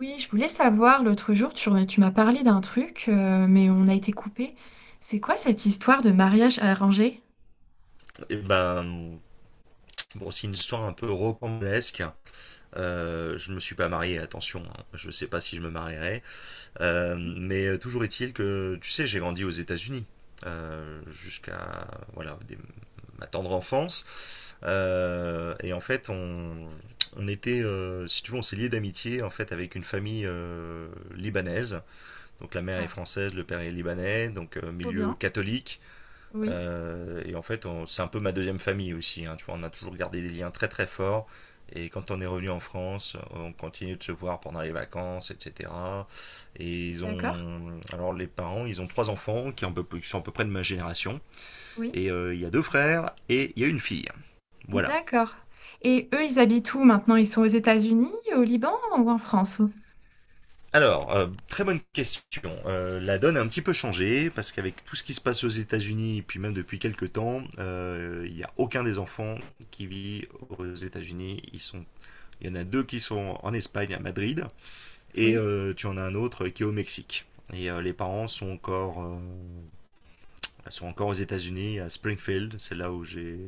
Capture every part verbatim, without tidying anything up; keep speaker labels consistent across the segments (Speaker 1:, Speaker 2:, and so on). Speaker 1: Oui, je voulais savoir, l'autre jour, tu, tu m'as parlé d'un truc, euh, mais on a été coupé. C'est quoi cette histoire de mariage arrangé?
Speaker 2: Et ben, bon, c'est une histoire un peu rocambolesque. Euh, je me suis pas marié, attention, hein. Je sais pas si je me marierai. Euh, mais toujours est-il que, tu sais, j'ai grandi aux États-Unis euh, jusqu'à voilà des- ma tendre enfance. Euh, et en fait, on, on était, euh, si tu veux, on s'est lié d'amitié en fait avec une famille euh, libanaise. Donc la mère est
Speaker 1: Ah,
Speaker 2: française, le père est libanais, donc euh,
Speaker 1: trop
Speaker 2: milieu
Speaker 1: bien.
Speaker 2: catholique.
Speaker 1: Oui,
Speaker 2: Euh, et en fait, c'est un peu ma deuxième famille aussi, hein, tu vois, on a toujours gardé des liens très très forts. Et quand on est revenu en France, on continue de se voir pendant les vacances, et cetera. Et ils
Speaker 1: d'accord.
Speaker 2: ont, alors les parents, ils ont trois enfants qui, en peu- qui sont à peu près de ma génération.
Speaker 1: Oui,
Speaker 2: Et euh, il y a deux frères et il y a une fille. Voilà.
Speaker 1: d'accord. Et eux, ils habitent où maintenant? Ils sont aux États-Unis, au Liban ou en France?
Speaker 2: Alors, euh, très bonne question. Euh, la donne a un petit peu changé parce qu'avec tout ce qui se passe aux États-Unis, et puis même depuis quelques temps, euh, il n'y a aucun des enfants qui vit aux États-Unis. Ils sont Il y en a deux qui sont en Espagne, à Madrid, et
Speaker 1: Oui,
Speaker 2: euh, tu en as un autre qui est au Mexique. Et euh, les parents sont encore, euh, sont encore aux États-Unis, à Springfield, c'est là où j'ai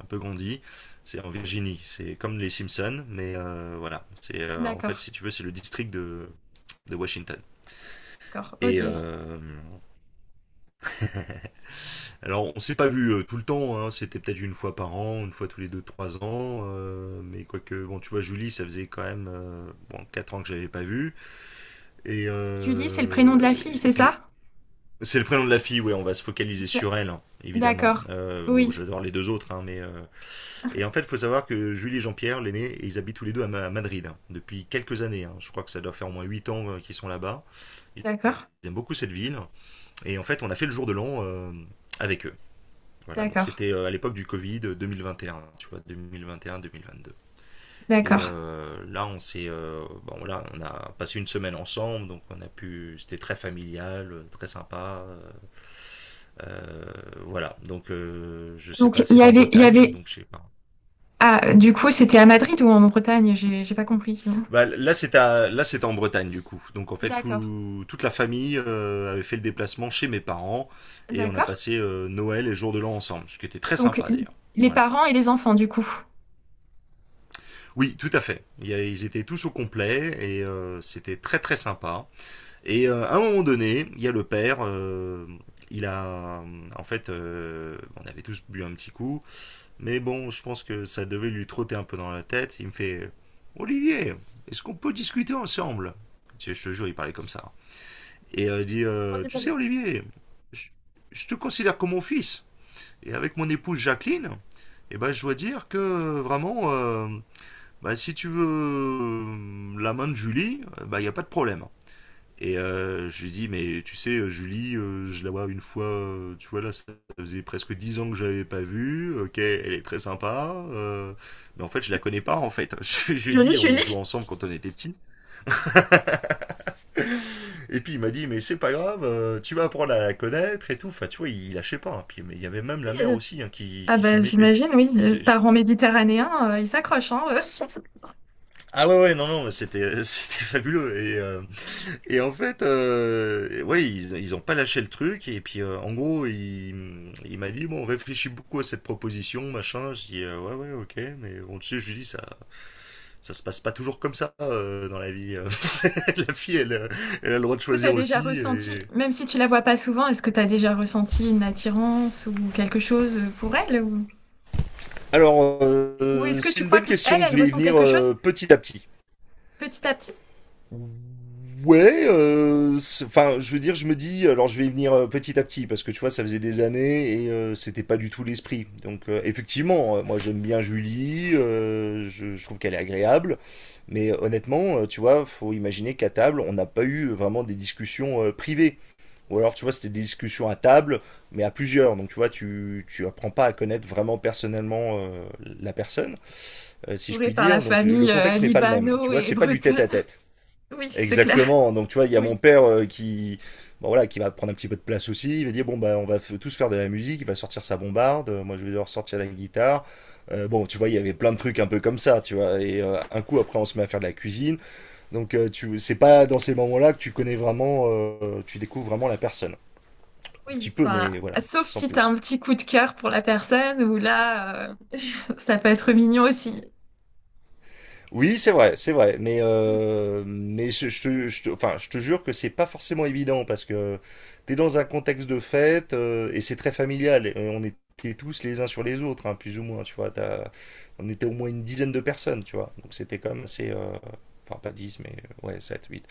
Speaker 2: un peu grandi. C'est en Virginie, c'est comme les Simpsons, mais euh, voilà. C'est euh, en fait,
Speaker 1: d'accord.
Speaker 2: si tu veux, c'est le district de, de Washington.
Speaker 1: D'accord,
Speaker 2: Et
Speaker 1: ok.
Speaker 2: euh, alors, on s'est pas vu euh, tout le temps, hein, c'était peut-être une fois par an, une fois tous les deux, trois ans, euh, mais quoique, bon, tu vois, Julie, ça faisait quand même euh, bon, quatre ans que je l'avais pas vue. Et,
Speaker 1: Julie, c'est le prénom
Speaker 2: euh,
Speaker 1: de la fille,
Speaker 2: et
Speaker 1: c'est
Speaker 2: puis,
Speaker 1: ça?
Speaker 2: c'est le prénom de la fille, ouais, on va se focaliser
Speaker 1: D-
Speaker 2: sur elle, hein, évidemment.
Speaker 1: D'accord.
Speaker 2: Euh, bon,
Speaker 1: Oui,
Speaker 2: j'adore les deux autres, hein, mais. euh, Et en fait, il faut savoir que Julie et Jean-Pierre, l'aîné, ils habitent tous les deux à, Ma- à Madrid, hein, depuis quelques années, hein. Je crois que ça doit faire au moins huit ans euh, qu'ils sont là-bas. Ils
Speaker 1: d'accord.
Speaker 2: aiment beaucoup cette ville. Et en fait, on a fait le jour de l'an euh, avec eux. Voilà, donc
Speaker 1: D'accord.
Speaker 2: c'était euh, à l'époque du Covid, euh, deux mille vingt et un, tu vois, deux mille vingt et un-deux mille vingt-deux. Et
Speaker 1: D'accord.
Speaker 2: euh, là, on s'est, euh, bon, voilà, on a passé une semaine ensemble, donc on a pu, c'était très familial, euh, très sympa, euh, euh, voilà. Donc, euh, je sais
Speaker 1: Donc,
Speaker 2: pas,
Speaker 1: il y
Speaker 2: c'est en
Speaker 1: avait, il y
Speaker 2: Bretagne,
Speaker 1: avait...
Speaker 2: donc je sais pas.
Speaker 1: Ah, du coup, c'était à Madrid ou en Bretagne? J'ai j'ai pas compris.
Speaker 2: Bah, là, c'est à, là, c'est en Bretagne du coup. Donc, en fait,
Speaker 1: D'accord.
Speaker 2: tout, toute la famille euh, avait fait le déplacement chez mes parents et on a
Speaker 1: D'accord.
Speaker 2: passé euh, Noël et Jour de l'An ensemble, ce qui était très
Speaker 1: Donc,
Speaker 2: sympa d'ailleurs.
Speaker 1: les
Speaker 2: Voilà.
Speaker 1: parents et les enfants, du coup.
Speaker 2: Oui, tout à fait. Il y a- Ils étaient tous au complet et euh, c'était très très sympa. Et euh, à un moment donné, il y a le père, euh, il a... euh, en fait, euh, on avait tous bu un petit coup, mais bon, je pense que ça devait lui trotter un peu dans la tête. Il me fait «Olivier, est-ce qu'on peut discuter ensemble?» Tu sais, je te jure, il parlait comme ça. Et euh, il dit
Speaker 1: On
Speaker 2: euh,
Speaker 1: est
Speaker 2: tu
Speaker 1: pas
Speaker 2: sais,
Speaker 1: mal.
Speaker 2: Olivier, je, je te considère comme mon fils. Et avec mon épouse Jacqueline, eh ben, je dois dire que vraiment, euh, bah, si tu veux euh, la main de Julie, il bah, n'y a pas de problème. Et euh, je lui dis, mais tu sais, euh, Julie, euh, je la vois une fois, euh, tu vois, là, ça faisait presque dix ans que je l'avais pas vue, ok, elle est très sympa, euh, mais en fait, je la connais pas, en fait. Je, je lui ai dit, on jouait ensemble quand on était petits. Et puis, il m'a dit, mais c'est pas grave, euh, tu vas apprendre à la connaître et tout. Enfin, tu vois, il lâchait pas, hein. Puis, mais il y avait même
Speaker 1: Oui,
Speaker 2: la mère
Speaker 1: euh,
Speaker 2: aussi, hein, qui,
Speaker 1: ah
Speaker 2: qui s'y
Speaker 1: bah
Speaker 2: mettait.
Speaker 1: j'imagine, oui.
Speaker 2: Et
Speaker 1: euh,
Speaker 2: c'est...
Speaker 1: Parents méditerranéens, euh, ils s'accrochent, hein. euh. Est-ce
Speaker 2: Ah ouais, ouais, non, non, mais c'était, c'était fabuleux. Et, euh, Et en fait, euh, ouais, ils, ils ont pas lâché le truc. Et puis, euh, en gros, il, il m'a dit, bon, réfléchis beaucoup à cette proposition, machin. Je dis, euh, ouais, ouais, ok. Mais bon, tu sais, je lui dis, ça, ça se passe pas toujours comme ça euh, dans la vie. euh. La fille, elle, euh, elle a le droit de
Speaker 1: que tu as
Speaker 2: choisir
Speaker 1: déjà
Speaker 2: aussi.
Speaker 1: ressenti,
Speaker 2: et-
Speaker 1: même si tu la vois pas souvent, est-ce que tu as déjà ressenti une attirance ou quelque chose euh, pour elle? Ou,
Speaker 2: Alors,
Speaker 1: ou est-ce
Speaker 2: euh,
Speaker 1: que
Speaker 2: c'est
Speaker 1: tu
Speaker 2: une
Speaker 1: crois
Speaker 2: bonne
Speaker 1: qu'elle, elle
Speaker 2: question.
Speaker 1: elle
Speaker 2: Je vais y
Speaker 1: ressent
Speaker 2: venir
Speaker 1: quelque chose
Speaker 2: euh, petit à petit.
Speaker 1: petit à petit?
Speaker 2: Ouais, euh, c'est- enfin, je veux dire, je me dis, alors je vais y venir euh, petit à petit, parce que tu vois, ça faisait des années et euh, c'était pas du tout l'esprit. Donc, euh, effectivement, euh, moi j'aime bien Julie, euh, je, je trouve qu'elle est agréable, mais euh, honnêtement, euh, tu vois, faut imaginer qu'à table, on n'a pas eu vraiment des discussions euh, privées. Ou alors, tu vois, c'était des discussions à table, mais à plusieurs. Donc, tu vois, tu, tu apprends pas à connaître vraiment personnellement euh, la personne, euh, si je
Speaker 1: Entourée
Speaker 2: puis
Speaker 1: par la
Speaker 2: dire. Donc, le
Speaker 1: famille euh,
Speaker 2: contexte n'est pas le même. Tu
Speaker 1: libano
Speaker 2: vois,
Speaker 1: et
Speaker 2: c'est pas du
Speaker 1: bretonne.
Speaker 2: tête-à-tête.
Speaker 1: Oui, c'est clair.
Speaker 2: Exactement. Donc tu vois, il y a
Speaker 1: Oui.
Speaker 2: mon père euh, qui, bon, voilà, qui va prendre un petit peu de place aussi. Il va dire bon bah on va f- tous faire de la musique. Il va sortir sa bombarde. Euh, Moi je vais devoir sortir la guitare. Euh, bon tu vois, il y avait plein de trucs un peu comme ça, tu vois. Et euh, un coup après on se met à faire de la cuisine. Donc euh, tu, c'est pas dans ces moments-là que tu connais vraiment, euh, tu découvres vraiment la personne. Un petit
Speaker 1: Oui,
Speaker 2: peu,
Speaker 1: enfin,
Speaker 2: mais voilà,
Speaker 1: sauf
Speaker 2: sans
Speaker 1: si tu as un
Speaker 2: plus.
Speaker 1: petit coup de cœur pour la personne, ou là, euh, ça peut être mignon aussi.
Speaker 2: Oui, c'est vrai, c'est vrai. Mais, euh, mais je, je te, je te- enfin, je te jure que c'est pas forcément évident parce que t'es dans un contexte de fête euh, et c'est très familial. Et on était tous les uns sur les autres, hein, plus ou moins. Tu vois, t'as- on était au moins une dizaine de personnes, tu vois. Donc c'était quand même assez, euh, enfin pas dix, mais euh, ouais, sept, huit.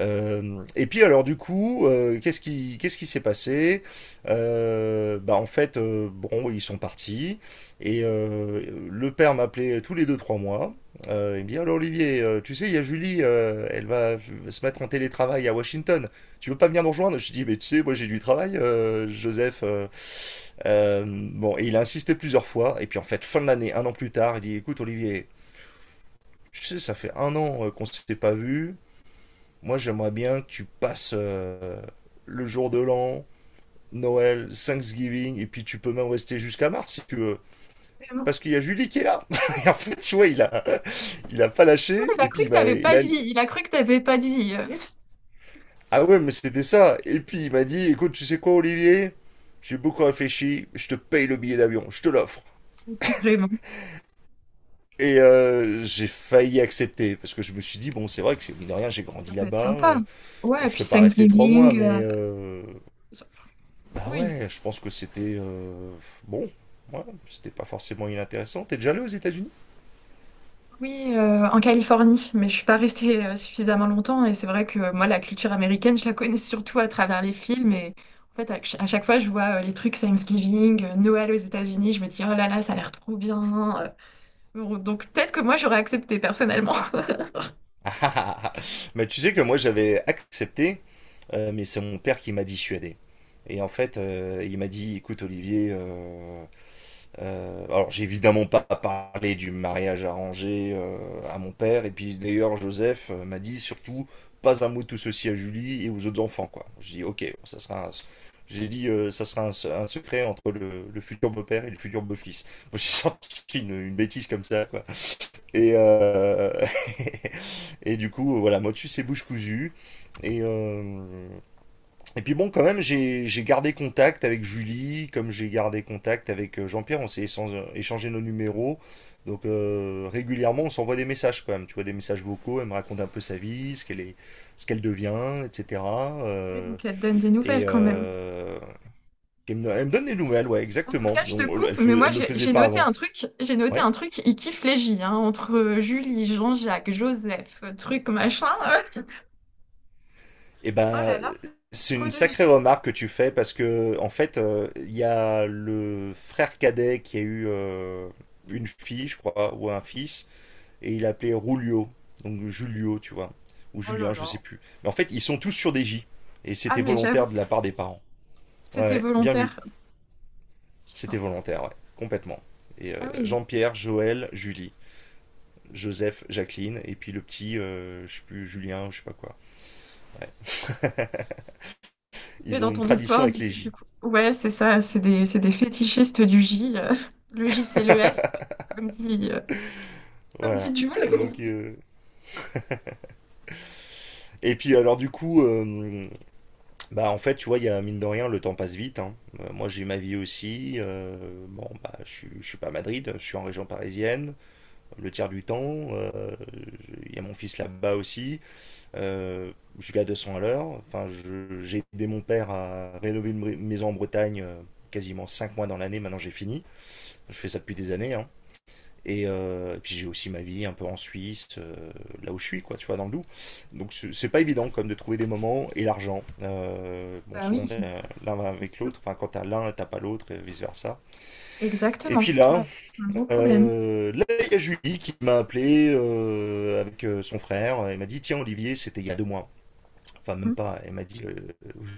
Speaker 2: Euh, et puis alors du coup, euh, qu'est-ce qui qu'est-ce qui s'est passé? euh, Bah en fait, euh, bon, ils sont partis et euh, le père m'appelait tous les deux trois mois. Euh, il me dit alors Olivier, euh, tu sais, il y a Julie, euh, elle va se mettre en télétravail à Washington. Tu veux pas venir nous rejoindre? Je dis mais tu sais, moi j'ai du travail, euh, Joseph. euh, euh, bon, et il a insisté plusieurs fois. Et puis en fait, fin de l'année, un an plus tard, il dit écoute Olivier, tu sais, ça fait un an euh, qu'on s'était pas vu. Moi, j'aimerais bien que tu passes euh, le jour de l'an, Noël, Thanksgiving, et puis tu peux même rester jusqu'à mars si tu veux.
Speaker 1: Vraiment.
Speaker 2: Parce qu'il y a Julie qui est là. Et en fait, tu vois, il a, il a pas lâché.
Speaker 1: Il a
Speaker 2: Et
Speaker 1: cru
Speaker 2: puis,
Speaker 1: que
Speaker 2: il m'a,
Speaker 1: t'avais
Speaker 2: il
Speaker 1: pas de
Speaker 2: a-
Speaker 1: vie. Il a cru que t'avais pas de vie. euh.
Speaker 2: ah ouais, mais c'était ça. Et puis, il m'a dit, écoute, tu sais quoi, Olivier? J'ai beaucoup réfléchi. Je te paye le billet d'avion. Je te l'offre.
Speaker 1: Vraiment,
Speaker 2: Et euh, j'ai failli accepter parce que je me suis dit bon c'est vrai que c'est- mine de rien j'ai
Speaker 1: ça
Speaker 2: grandi
Speaker 1: peut être
Speaker 2: là-bas,
Speaker 1: sympa.
Speaker 2: euh,
Speaker 1: Ouais,
Speaker 2: bon,
Speaker 1: et
Speaker 2: je
Speaker 1: puis
Speaker 2: serais pas resté trois mois
Speaker 1: Thanksgiving.
Speaker 2: mais
Speaker 1: euh,
Speaker 2: euh,
Speaker 1: ça- enfin,
Speaker 2: Bah
Speaker 1: oui,
Speaker 2: ouais, je pense que c'était euh, bon. Ouais, c'était pas forcément inintéressant. T'es déjà allé aux États-Unis?
Speaker 1: oui, euh, en Californie. Mais je suis pas restée euh, suffisamment longtemps. Et c'est vrai que euh, moi, la culture américaine, je la connais surtout à travers les films. Et en fait, à, ch- à chaque fois, je vois euh, les trucs Thanksgiving, euh, Noël aux États-Unis. Je me dis, oh là là, ça a l'air trop bien. euh. Bon, donc peut-être que moi, j'aurais accepté personnellement.
Speaker 2: Ah ah ah ah. Bah, tu sais que moi j'avais accepté, euh, mais c'est mon père qui m'a dissuadé. Et en fait, euh, il m'a dit, écoute Olivier, euh, Euh, alors, j'ai évidemment pas parlé du mariage arrangé euh, à mon père. Et puis, d'ailleurs, Joseph euh, m'a dit surtout pas un mot de tout ceci à Julie et aux autres enfants, quoi. J'ai dit, ok, bon, ça sera un. J'ai dit, euh, ça sera un, se- un secret entre le, le futur beau-père et le futur beau-fils. Moi, j'ai sorti une, une bêtise comme ça, quoi. Et, euh, et du coup, voilà, Motus, c'est bouche cousue. Et, euh, et puis bon, quand même, j'ai j'ai gardé contact avec Julie, comme j'ai gardé contact avec euh, Jean-Pierre, on s'est échan- euh, échangé nos numéros. Donc euh, régulièrement, on s'envoie des messages quand même, tu vois, des messages vocaux, elle me raconte un peu sa vie, ce qu'elle est, ce qu'elle devient, et cetera.
Speaker 1: Ouais,
Speaker 2: Euh,
Speaker 1: donc elle te donne des
Speaker 2: et
Speaker 1: nouvelles quand même.
Speaker 2: euh, elle me, elle me donne des nouvelles, ouais,
Speaker 1: En tout
Speaker 2: exactement.
Speaker 1: cas, je te
Speaker 2: Donc,
Speaker 1: coupe,
Speaker 2: elle,
Speaker 1: mais
Speaker 2: fe-
Speaker 1: moi
Speaker 2: elle le
Speaker 1: j'ai
Speaker 2: faisait
Speaker 1: j'ai
Speaker 2: pas
Speaker 1: noté
Speaker 2: avant.
Speaker 1: un truc, j'ai noté
Speaker 2: Ouais.
Speaker 1: un truc, il kiffe les J, hein, entre Julie, Jean-Jacques, Joseph, truc machin.
Speaker 2: Eh
Speaker 1: Oh
Speaker 2: ben,
Speaker 1: là là,
Speaker 2: c'est
Speaker 1: trop
Speaker 2: une
Speaker 1: de J.
Speaker 2: sacrée remarque que tu fais parce que, en fait, euh, il y a le frère cadet qui a eu euh, une fille, je crois, ou un fils, et il l'appelait Rulio, donc Julio, tu vois, ou
Speaker 1: Oh là
Speaker 2: Julien, je sais
Speaker 1: là.
Speaker 2: plus. Mais en fait, ils sont tous sur des J, et
Speaker 1: Ah
Speaker 2: c'était
Speaker 1: mais j'avoue,
Speaker 2: volontaire de la part des parents. Ouais,
Speaker 1: c'était
Speaker 2: ouais, bien vu,
Speaker 1: volontaire.
Speaker 2: c'était
Speaker 1: Putain.
Speaker 2: volontaire, ouais, complètement. Et euh,
Speaker 1: Ah oui.
Speaker 2: Jean-Pierre, Joël, Julie, Joseph, Jacqueline, et puis le petit, euh, je sais plus, Julien, je sais pas quoi. Ouais.
Speaker 1: Mais
Speaker 2: Ils ont
Speaker 1: dans
Speaker 2: une
Speaker 1: ton
Speaker 2: tradition
Speaker 1: histoire,
Speaker 2: avec
Speaker 1: du,
Speaker 2: les
Speaker 1: du
Speaker 2: J.
Speaker 1: coup. Ouais, c'est ça, c'est des, c'est des fétichistes du J. euh, le J, c'est le S, comme dit, euh, comme dit
Speaker 2: Voilà.
Speaker 1: Jules.
Speaker 2: Donc, euh, Et puis alors du coup, euh, bah en fait tu vois, il y a mine de rien, le temps passe vite, hein. Euh, moi, j'ai ma vie aussi. Euh, bon bah je suis, je suis pas à Madrid, je suis en région parisienne. Le tiers du temps, euh, il y a mon fils là-bas aussi. Euh, je vais à deux cents à l'heure. Enfin, je- j'ai aidé mon père à rénover une bri- maison en Bretagne, euh, quasiment cinq mois dans l'année, maintenant j'ai fini. Je fais ça depuis des années, hein. Et, euh, et puis j'ai aussi ma vie un peu en Suisse, euh, là où je suis, quoi, tu vois, dans le Doubs. Donc c'est c'est pas évident comme de trouver des moments et l'argent. Euh, bon,
Speaker 1: Bah
Speaker 2: souvent
Speaker 1: oui,
Speaker 2: l'un l'un va
Speaker 1: c'est
Speaker 2: avec
Speaker 1: sûr.
Speaker 2: l'autre. Enfin, quand t'as l'un, t'as pas l'autre, et vice versa. Et
Speaker 1: Exactement.
Speaker 2: puis là,
Speaker 1: Ouais, c'est un gros problème.
Speaker 2: euh, là il y a Julie qui m'a appelé euh, avec euh, son frère. Elle m'a dit tiens Olivier, c'était il y a deux mois. Enfin
Speaker 1: Hmm.
Speaker 2: même pas. Elle m'a dit euh,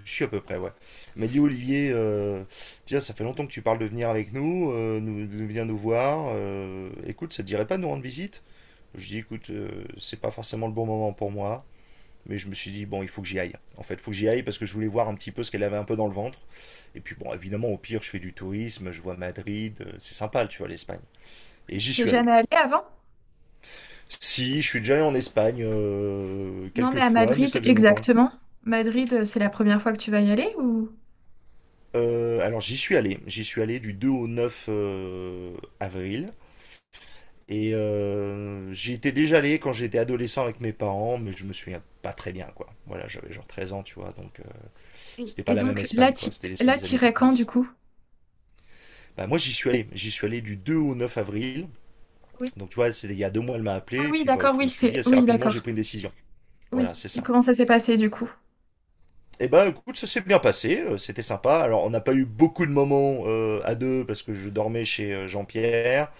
Speaker 2: je suis à peu près, ouais. Elle m'a dit Olivier, euh, tiens, ça fait longtemps que tu parles de venir avec nous, euh, nous de venir nous voir. Euh, écoute, ça te dirait pas de nous rendre visite? Je dis, écoute, euh, c'est pas forcément le bon moment pour moi, mais je me suis dit, bon, il faut que j'y aille. En fait, il faut que j'y aille parce que je voulais voir un petit peu ce qu'elle avait un peu dans le ventre. Et puis, bon, évidemment, au pire, je fais du tourisme, je vois Madrid, euh, c'est sympa, tu vois, l'Espagne. Et j'y
Speaker 1: T'es
Speaker 2: suis allé.
Speaker 1: jamais allé avant?
Speaker 2: Si, je suis déjà allé en Espagne euh,
Speaker 1: Non,
Speaker 2: quelques
Speaker 1: mais à
Speaker 2: fois, mais
Speaker 1: Madrid,
Speaker 2: ça faisait longtemps.
Speaker 1: exactement. Madrid, euh, c'est la première fois que tu vas y aller ou...
Speaker 2: Euh, alors, j'y suis allé. J'y suis allé du deux au neuf euh, avril. Et euh, j'y étais déjà allé quand j'étais adolescent avec mes parents, mais je me souviens pas très bien, quoi. Voilà, j'avais genre treize ans, tu vois, donc, euh,
Speaker 1: Et,
Speaker 2: C'était pas
Speaker 1: et
Speaker 2: la même
Speaker 1: donc, là,
Speaker 2: Espagne, quoi.
Speaker 1: t'y-
Speaker 2: C'était l'Espagne
Speaker 1: là,
Speaker 2: des années
Speaker 1: t'irais quand, du
Speaker 2: quatre-vingt-dix.
Speaker 1: coup?
Speaker 2: Bah, moi, j'y suis allé. J'y suis allé du deux au neuf avril.
Speaker 1: Oui.
Speaker 2: Donc, tu vois, c'est- il y a deux mois, elle m'a
Speaker 1: Ah
Speaker 2: appelé. Et
Speaker 1: oui,
Speaker 2: puis, bah,
Speaker 1: d'accord,
Speaker 2: je
Speaker 1: oui,
Speaker 2: me suis dit,
Speaker 1: c'est...
Speaker 2: assez
Speaker 1: Oui,
Speaker 2: rapidement, j'ai
Speaker 1: d'accord.
Speaker 2: pris une décision.
Speaker 1: Oui.
Speaker 2: Voilà, c'est
Speaker 1: Et
Speaker 2: ça.
Speaker 1: comment ça s'est passé, du coup?
Speaker 2: Et ben, écoute, ça s'est bien passé. euh, C'était sympa. Alors, on n'a pas eu beaucoup de moments euh, à deux parce que je dormais chez euh, Jean-Pierre.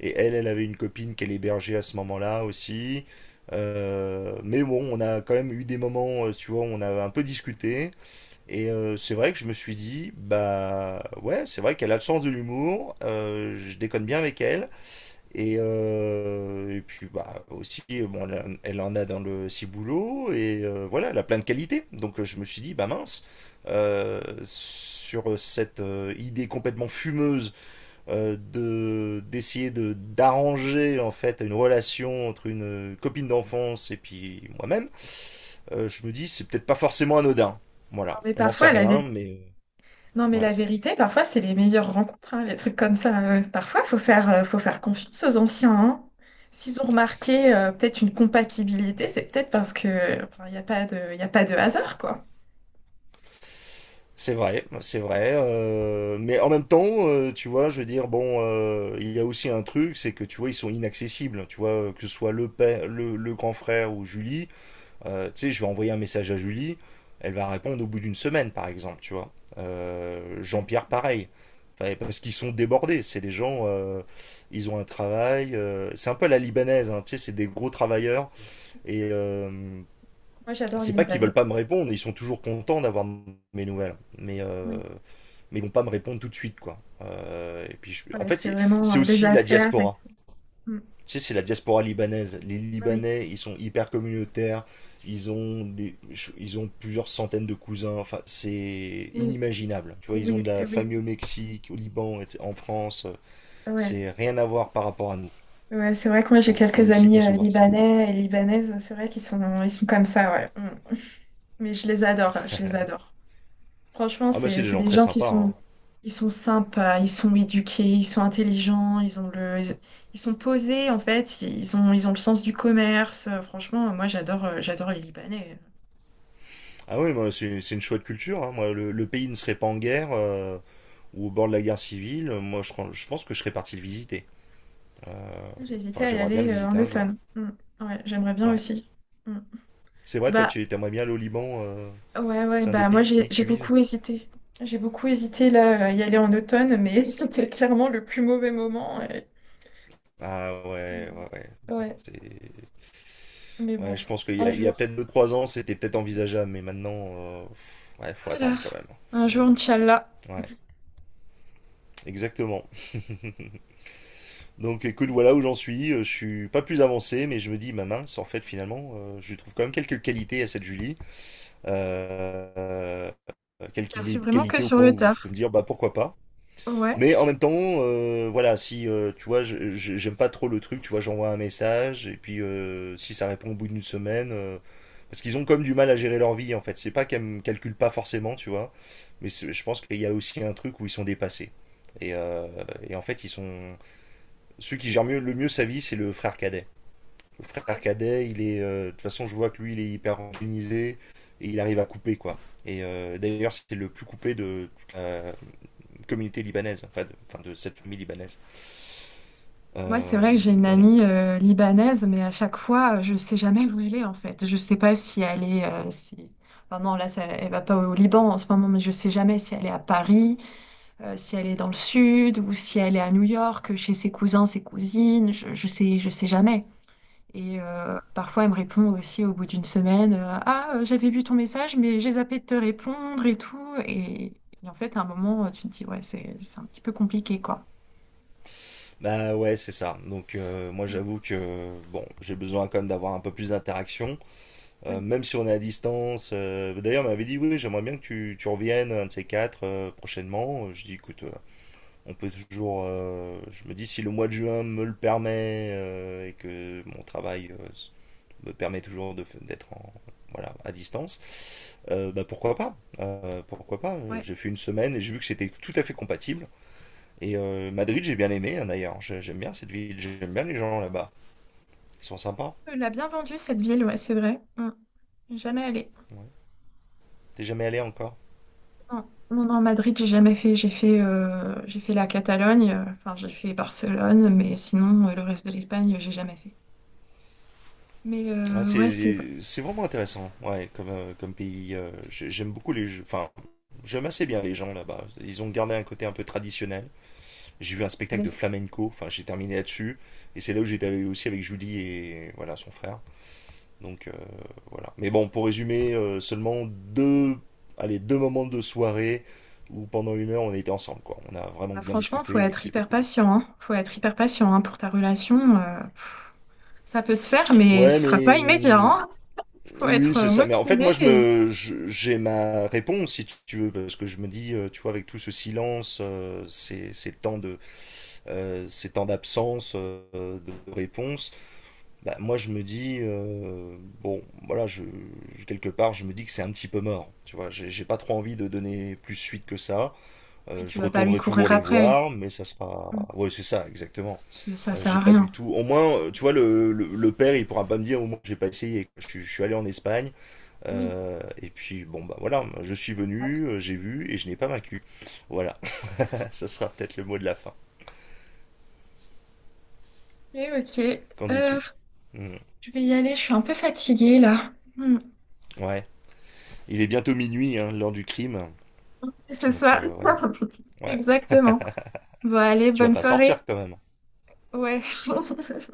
Speaker 2: Et elle, elle avait une copine qu'elle hébergeait à ce moment-là aussi. Euh, mais bon, on a quand même eu des moments, euh, tu vois, où on a un peu discuté. Et euh, c'est vrai que je me suis dit, bah ouais, c'est vrai qu'elle a le sens de l'humour, euh, je déconne bien avec elle. Et, euh, et puis bah aussi, bon, elle, en- elle en a dans le ciboulot, et euh, voilà, elle a plein de qualités. Donc euh, je me suis dit, bah mince, euh, sur cette euh, idée complètement fumeuse euh, de d'essayer de d'arranger en fait une relation entre une copine d'enfance et puis moi-même, euh, je me dis, c'est peut-être pas forcément anodin.
Speaker 1: Non,
Speaker 2: Voilà,
Speaker 1: mais
Speaker 2: on n'en sait
Speaker 1: parfois, la
Speaker 2: rien,
Speaker 1: vé-
Speaker 2: mais...
Speaker 1: Non, mais
Speaker 2: Ouais.
Speaker 1: la vérité, parfois, c'est les meilleures rencontres, hein, les trucs comme ça. Euh, parfois, faut faire, euh, faut faire confiance aux anciens, hein. S'ils ont remarqué, euh, peut-être une compatibilité, c'est peut-être parce que, enfin, il n'y a pas de, y a pas de hasard, quoi.
Speaker 2: C'est vrai, c'est vrai. Euh, mais en même temps, euh, tu vois, je veux dire, bon, euh, il y a aussi un truc, c'est que tu vois, ils sont inaccessibles. Tu vois, euh, que ce soit le père, le, le grand frère ou Julie, euh, tu sais, je vais envoyer un message à Julie, elle va répondre au bout d'une semaine, par exemple, tu vois. Euh,
Speaker 1: Ouais.
Speaker 2: Jean-Pierre, pareil. Enfin, parce qu'ils sont débordés. C'est des gens, euh, ils ont un travail. Euh, c'est un peu à la libanaise, hein, tu sais, c'est des gros travailleurs. Et euh,
Speaker 1: Moi,
Speaker 2: enfin,
Speaker 1: j'adore les
Speaker 2: c'est pas qu'ils veulent
Speaker 1: Libanais.
Speaker 2: pas me répondre, ils sont toujours contents d'avoir mes nouvelles, mais euh,
Speaker 1: Oui.
Speaker 2: mais ils vont pas me répondre tout de suite, quoi. Euh, et puis je- en
Speaker 1: Voilà,
Speaker 2: fait,
Speaker 1: c'est
Speaker 2: y- c'est
Speaker 1: vraiment, euh, les
Speaker 2: aussi la
Speaker 1: affaires et
Speaker 2: diaspora.
Speaker 1: tout. Mm.
Speaker 2: Tu sais, c'est la diaspora libanaise. Les
Speaker 1: Oui,
Speaker 2: Libanais, ils sont hyper communautaires. Ils ont des, ils ont plusieurs centaines de cousins. Enfin, c'est
Speaker 1: oui,
Speaker 2: inimaginable. Tu vois, ils ont
Speaker 1: oui,
Speaker 2: de la
Speaker 1: oui,
Speaker 2: famille au Mexique, au Liban, et- cetera, en France.
Speaker 1: ouais.
Speaker 2: C'est rien à voir par rapport à nous.
Speaker 1: Ouais, c'est vrai que moi j'ai
Speaker 2: Faut, faut
Speaker 1: quelques
Speaker 2: aussi
Speaker 1: amis euh,
Speaker 2: concevoir ça.
Speaker 1: libanais et libanaises, c'est vrai qu'ils sont, ils sont comme ça, ouais. Mm. Mm. Mais je les adore, hein, je les adore. Franchement,
Speaker 2: Ah, mais
Speaker 1: c'est,
Speaker 2: c'est des
Speaker 1: c'est
Speaker 2: gens
Speaker 1: des
Speaker 2: très
Speaker 1: gens qui
Speaker 2: sympas,
Speaker 1: sont,
Speaker 2: hein.
Speaker 1: ils sont sympas, ils sont éduqués, ils sont intelligents, ils ont le, ils, ils sont posés en fait, ils ont, ils ont le sens du commerce. Euh, Franchement, moi j'adore, euh, j'adore les Libanais.
Speaker 2: Ah oui, moi, c'est c'est une chouette culture, hein. Moi, le, le pays ne serait pas en guerre euh, ou au bord de la guerre civile. euh, Moi, je, crois- je pense que je serais parti le visiter.
Speaker 1: J'ai
Speaker 2: Enfin,
Speaker 1: hésité à y
Speaker 2: j'aimerais bien
Speaker 1: aller
Speaker 2: le
Speaker 1: euh, en
Speaker 2: visiter un jour.
Speaker 1: automne. Mm. Ouais, j'aimerais bien
Speaker 2: Ouais.
Speaker 1: aussi. Mm.
Speaker 2: C'est vrai, toi,
Speaker 1: Bah,
Speaker 2: tu aimerais bien le Liban, euh,
Speaker 1: ouais, ouais,
Speaker 2: c'est un des
Speaker 1: bah moi
Speaker 2: pays que
Speaker 1: j'ai j'ai
Speaker 2: tu vises.
Speaker 1: beaucoup hésité. J'ai beaucoup hésité là à y aller en automne, mais c'était clairement le plus mauvais moment. Et-
Speaker 2: Ah ouais, ouais, ouais. Bon,
Speaker 1: Ouais,
Speaker 2: c'est-
Speaker 1: mais bon,
Speaker 2: ouais, je pense qu'il y
Speaker 1: un
Speaker 2: a, il y a
Speaker 1: jour.
Speaker 2: peut-être deux, trois ans, c'était peut-être envisageable, mais maintenant, euh, ouais, faut
Speaker 1: Voilà.
Speaker 2: attendre quand même.
Speaker 1: Un
Speaker 2: Faut-
Speaker 1: jour, Inch'Allah.
Speaker 2: Ouais, exactement. Donc écoute, voilà où j'en suis. Euh, Je suis pas plus avancé, mais je me dis, ma mince, en fait, finalement, euh, je lui trouve quand même quelques qualités à cette Julie,
Speaker 1: Perçu
Speaker 2: quelques
Speaker 1: vraiment que
Speaker 2: qualité au
Speaker 1: sur
Speaker 2: point
Speaker 1: le
Speaker 2: où je peux
Speaker 1: tard.
Speaker 2: me dire, bah pourquoi pas.
Speaker 1: Ouais.
Speaker 2: Mais en même temps, euh, voilà, si euh, tu vois, je je- j'aime pas trop le truc, tu vois, j'envoie un message et puis euh, si ça répond au bout d'une semaine, euh, parce qu'ils ont comme du mal à gérer leur vie en fait, c'est pas qu'elles me calculent pas forcément, tu vois, mais c'est- je pense qu'il y a aussi un truc où ils sont dépassés, et, euh, et en fait ils sont ceux qui gèrent mieux, le mieux sa vie, c'est le frère cadet. Le frère
Speaker 1: Ouais.
Speaker 2: cadet, il est, euh, de toute façon, je vois que lui, il est hyper organisé, et il arrive à couper, quoi. Et euh, d'ailleurs, c'est le plus coupé de toute la communauté libanaise, enfin de, enfin, de cette famille libanaise.
Speaker 1: Moi, c'est vrai
Speaker 2: Euh,
Speaker 1: que j'ai une
Speaker 2: voilà.
Speaker 1: amie euh, libanaise, mais à chaque fois, euh, je sais jamais où elle est en fait. Je sais pas si elle est, euh, si... Enfin non, là, ça, elle va pas au Liban en ce moment, mais je sais jamais si elle est à Paris, Euh, si elle est dans le sud ou si elle est à New York, chez ses cousins, ses cousines, je, je sais, je sais jamais. Et euh, parfois, elle me répond aussi au bout d'une semaine, euh, ah, euh, j'avais vu ton message, mais j'ai zappé de te répondre et tout. Et, et en fait, à un moment, euh, tu te dis, ouais, c'est, c'est un petit peu compliqué, quoi.
Speaker 2: Bah ouais, c'est ça. Donc euh, moi, j'avoue que bon, j'ai besoin quand même d'avoir un peu plus d'interaction, euh,
Speaker 1: Oui,
Speaker 2: même si on est à distance. Euh, d'ailleurs, on m'avait dit oui, j'aimerais bien que tu, tu reviennes un de ces quatre, euh, prochainement. Je dis, écoute, euh, on peut toujours. Euh, je me dis, si le mois de juin me le permet euh, et que mon travail euh, me permet toujours de d'être en- voilà, à distance, euh, bah pourquoi pas? Euh, pourquoi pas? Euh,
Speaker 1: ouais.
Speaker 2: J'ai fait une semaine et j'ai vu que c'était tout à fait compatible. Et euh, Madrid, j'ai bien aimé, hein, d'ailleurs. J'ai- J'aime bien cette ville, j'aime bien les gens là-bas. Ils sont sympas.
Speaker 1: Elle l'a bien vendue, cette ville, ouais, c'est vrai. Mm. Jamais allé.
Speaker 2: Ouais. T'es jamais allé encore?
Speaker 1: Non, non, non, Madrid, j'ai jamais fait. J'ai fait, euh, j'ai fait la Catalogne, euh, enfin, j'ai fait Barcelone, mais sinon, euh, le reste de l'Espagne, j'ai jamais fait. Mais
Speaker 2: Ah,
Speaker 1: euh, ouais, c'est
Speaker 2: c'est c'est vraiment intéressant, ouais, comme, euh, comme pays. Euh, j'ai- j'aime beaucoup les. Enfin, j'aime assez bien les gens là-bas. Ils ont gardé un côté un peu traditionnel. J'ai vu un spectacle de
Speaker 1: les-
Speaker 2: flamenco, enfin j'ai terminé là-dessus, et c'est là où j'étais aussi avec Julie et voilà son frère. Donc euh, voilà. Mais bon, pour résumer, euh, seulement deux, allez, deux moments de soirée où pendant une heure on était ensemble, quoi. On a vraiment bien
Speaker 1: franchement, faut
Speaker 2: discuté et que
Speaker 1: être
Speaker 2: c'était
Speaker 1: hyper
Speaker 2: cool.
Speaker 1: patient, hein. Faut être hyper patient hein, pour ta relation. Euh. Ça peut se faire, mais
Speaker 2: Ouais,
Speaker 1: ce sera
Speaker 2: mais
Speaker 1: pas immédiat,
Speaker 2: hum,
Speaker 1: hein. Faut
Speaker 2: oui,
Speaker 1: être
Speaker 2: c'est
Speaker 1: euh,
Speaker 2: ça. Mais en fait,
Speaker 1: motivé.
Speaker 2: moi, je
Speaker 1: Et-
Speaker 2: me, je- j'ai ma réponse si tu veux, parce que je me dis, euh, tu vois, avec tout ce silence, euh, ces, ces temps de, euh, ces temps d'absence, euh, de réponse. Bah, moi je me dis, euh, bon voilà, je je- quelque part je me dis que c'est un petit peu mort, tu vois, j'ai j'ai pas trop envie de donner plus suite que ça.
Speaker 1: Oui,
Speaker 2: Euh,
Speaker 1: tu
Speaker 2: je
Speaker 1: vas pas lui
Speaker 2: retournerai toujours
Speaker 1: courir
Speaker 2: les
Speaker 1: après.
Speaker 2: voir, mais ça
Speaker 1: Mm.
Speaker 2: sera, ouais, c'est ça, exactement.
Speaker 1: C'est- Ça
Speaker 2: Euh,
Speaker 1: sert à
Speaker 2: j'ai pas du
Speaker 1: rien.
Speaker 2: tout, au moins euh, tu vois, le, le, le père, il pourra pas me dire, au moins j'ai pas essayé, je, suis- je suis allé en Espagne,
Speaker 1: Oui.
Speaker 2: euh, et puis bon bah voilà, je suis venu, euh, j'ai vu et je n'ai pas vaincu. Voilà. Ça sera peut-être le mot de la fin,
Speaker 1: Après, ok.
Speaker 2: qu'en
Speaker 1: Euh,
Speaker 2: dis-tu? Hmm.
Speaker 1: je vais y aller. Je suis un peu fatiguée là. Mm.
Speaker 2: Ouais, il est bientôt minuit, hein, l'heure du crime.
Speaker 1: C'est
Speaker 2: Donc
Speaker 1: ça.
Speaker 2: euh, ouais. Ouais.
Speaker 1: Exactement. Bon, allez,
Speaker 2: Tu vas
Speaker 1: bonne
Speaker 2: pas sortir
Speaker 1: soirée.
Speaker 2: quand même.
Speaker 1: Ouais.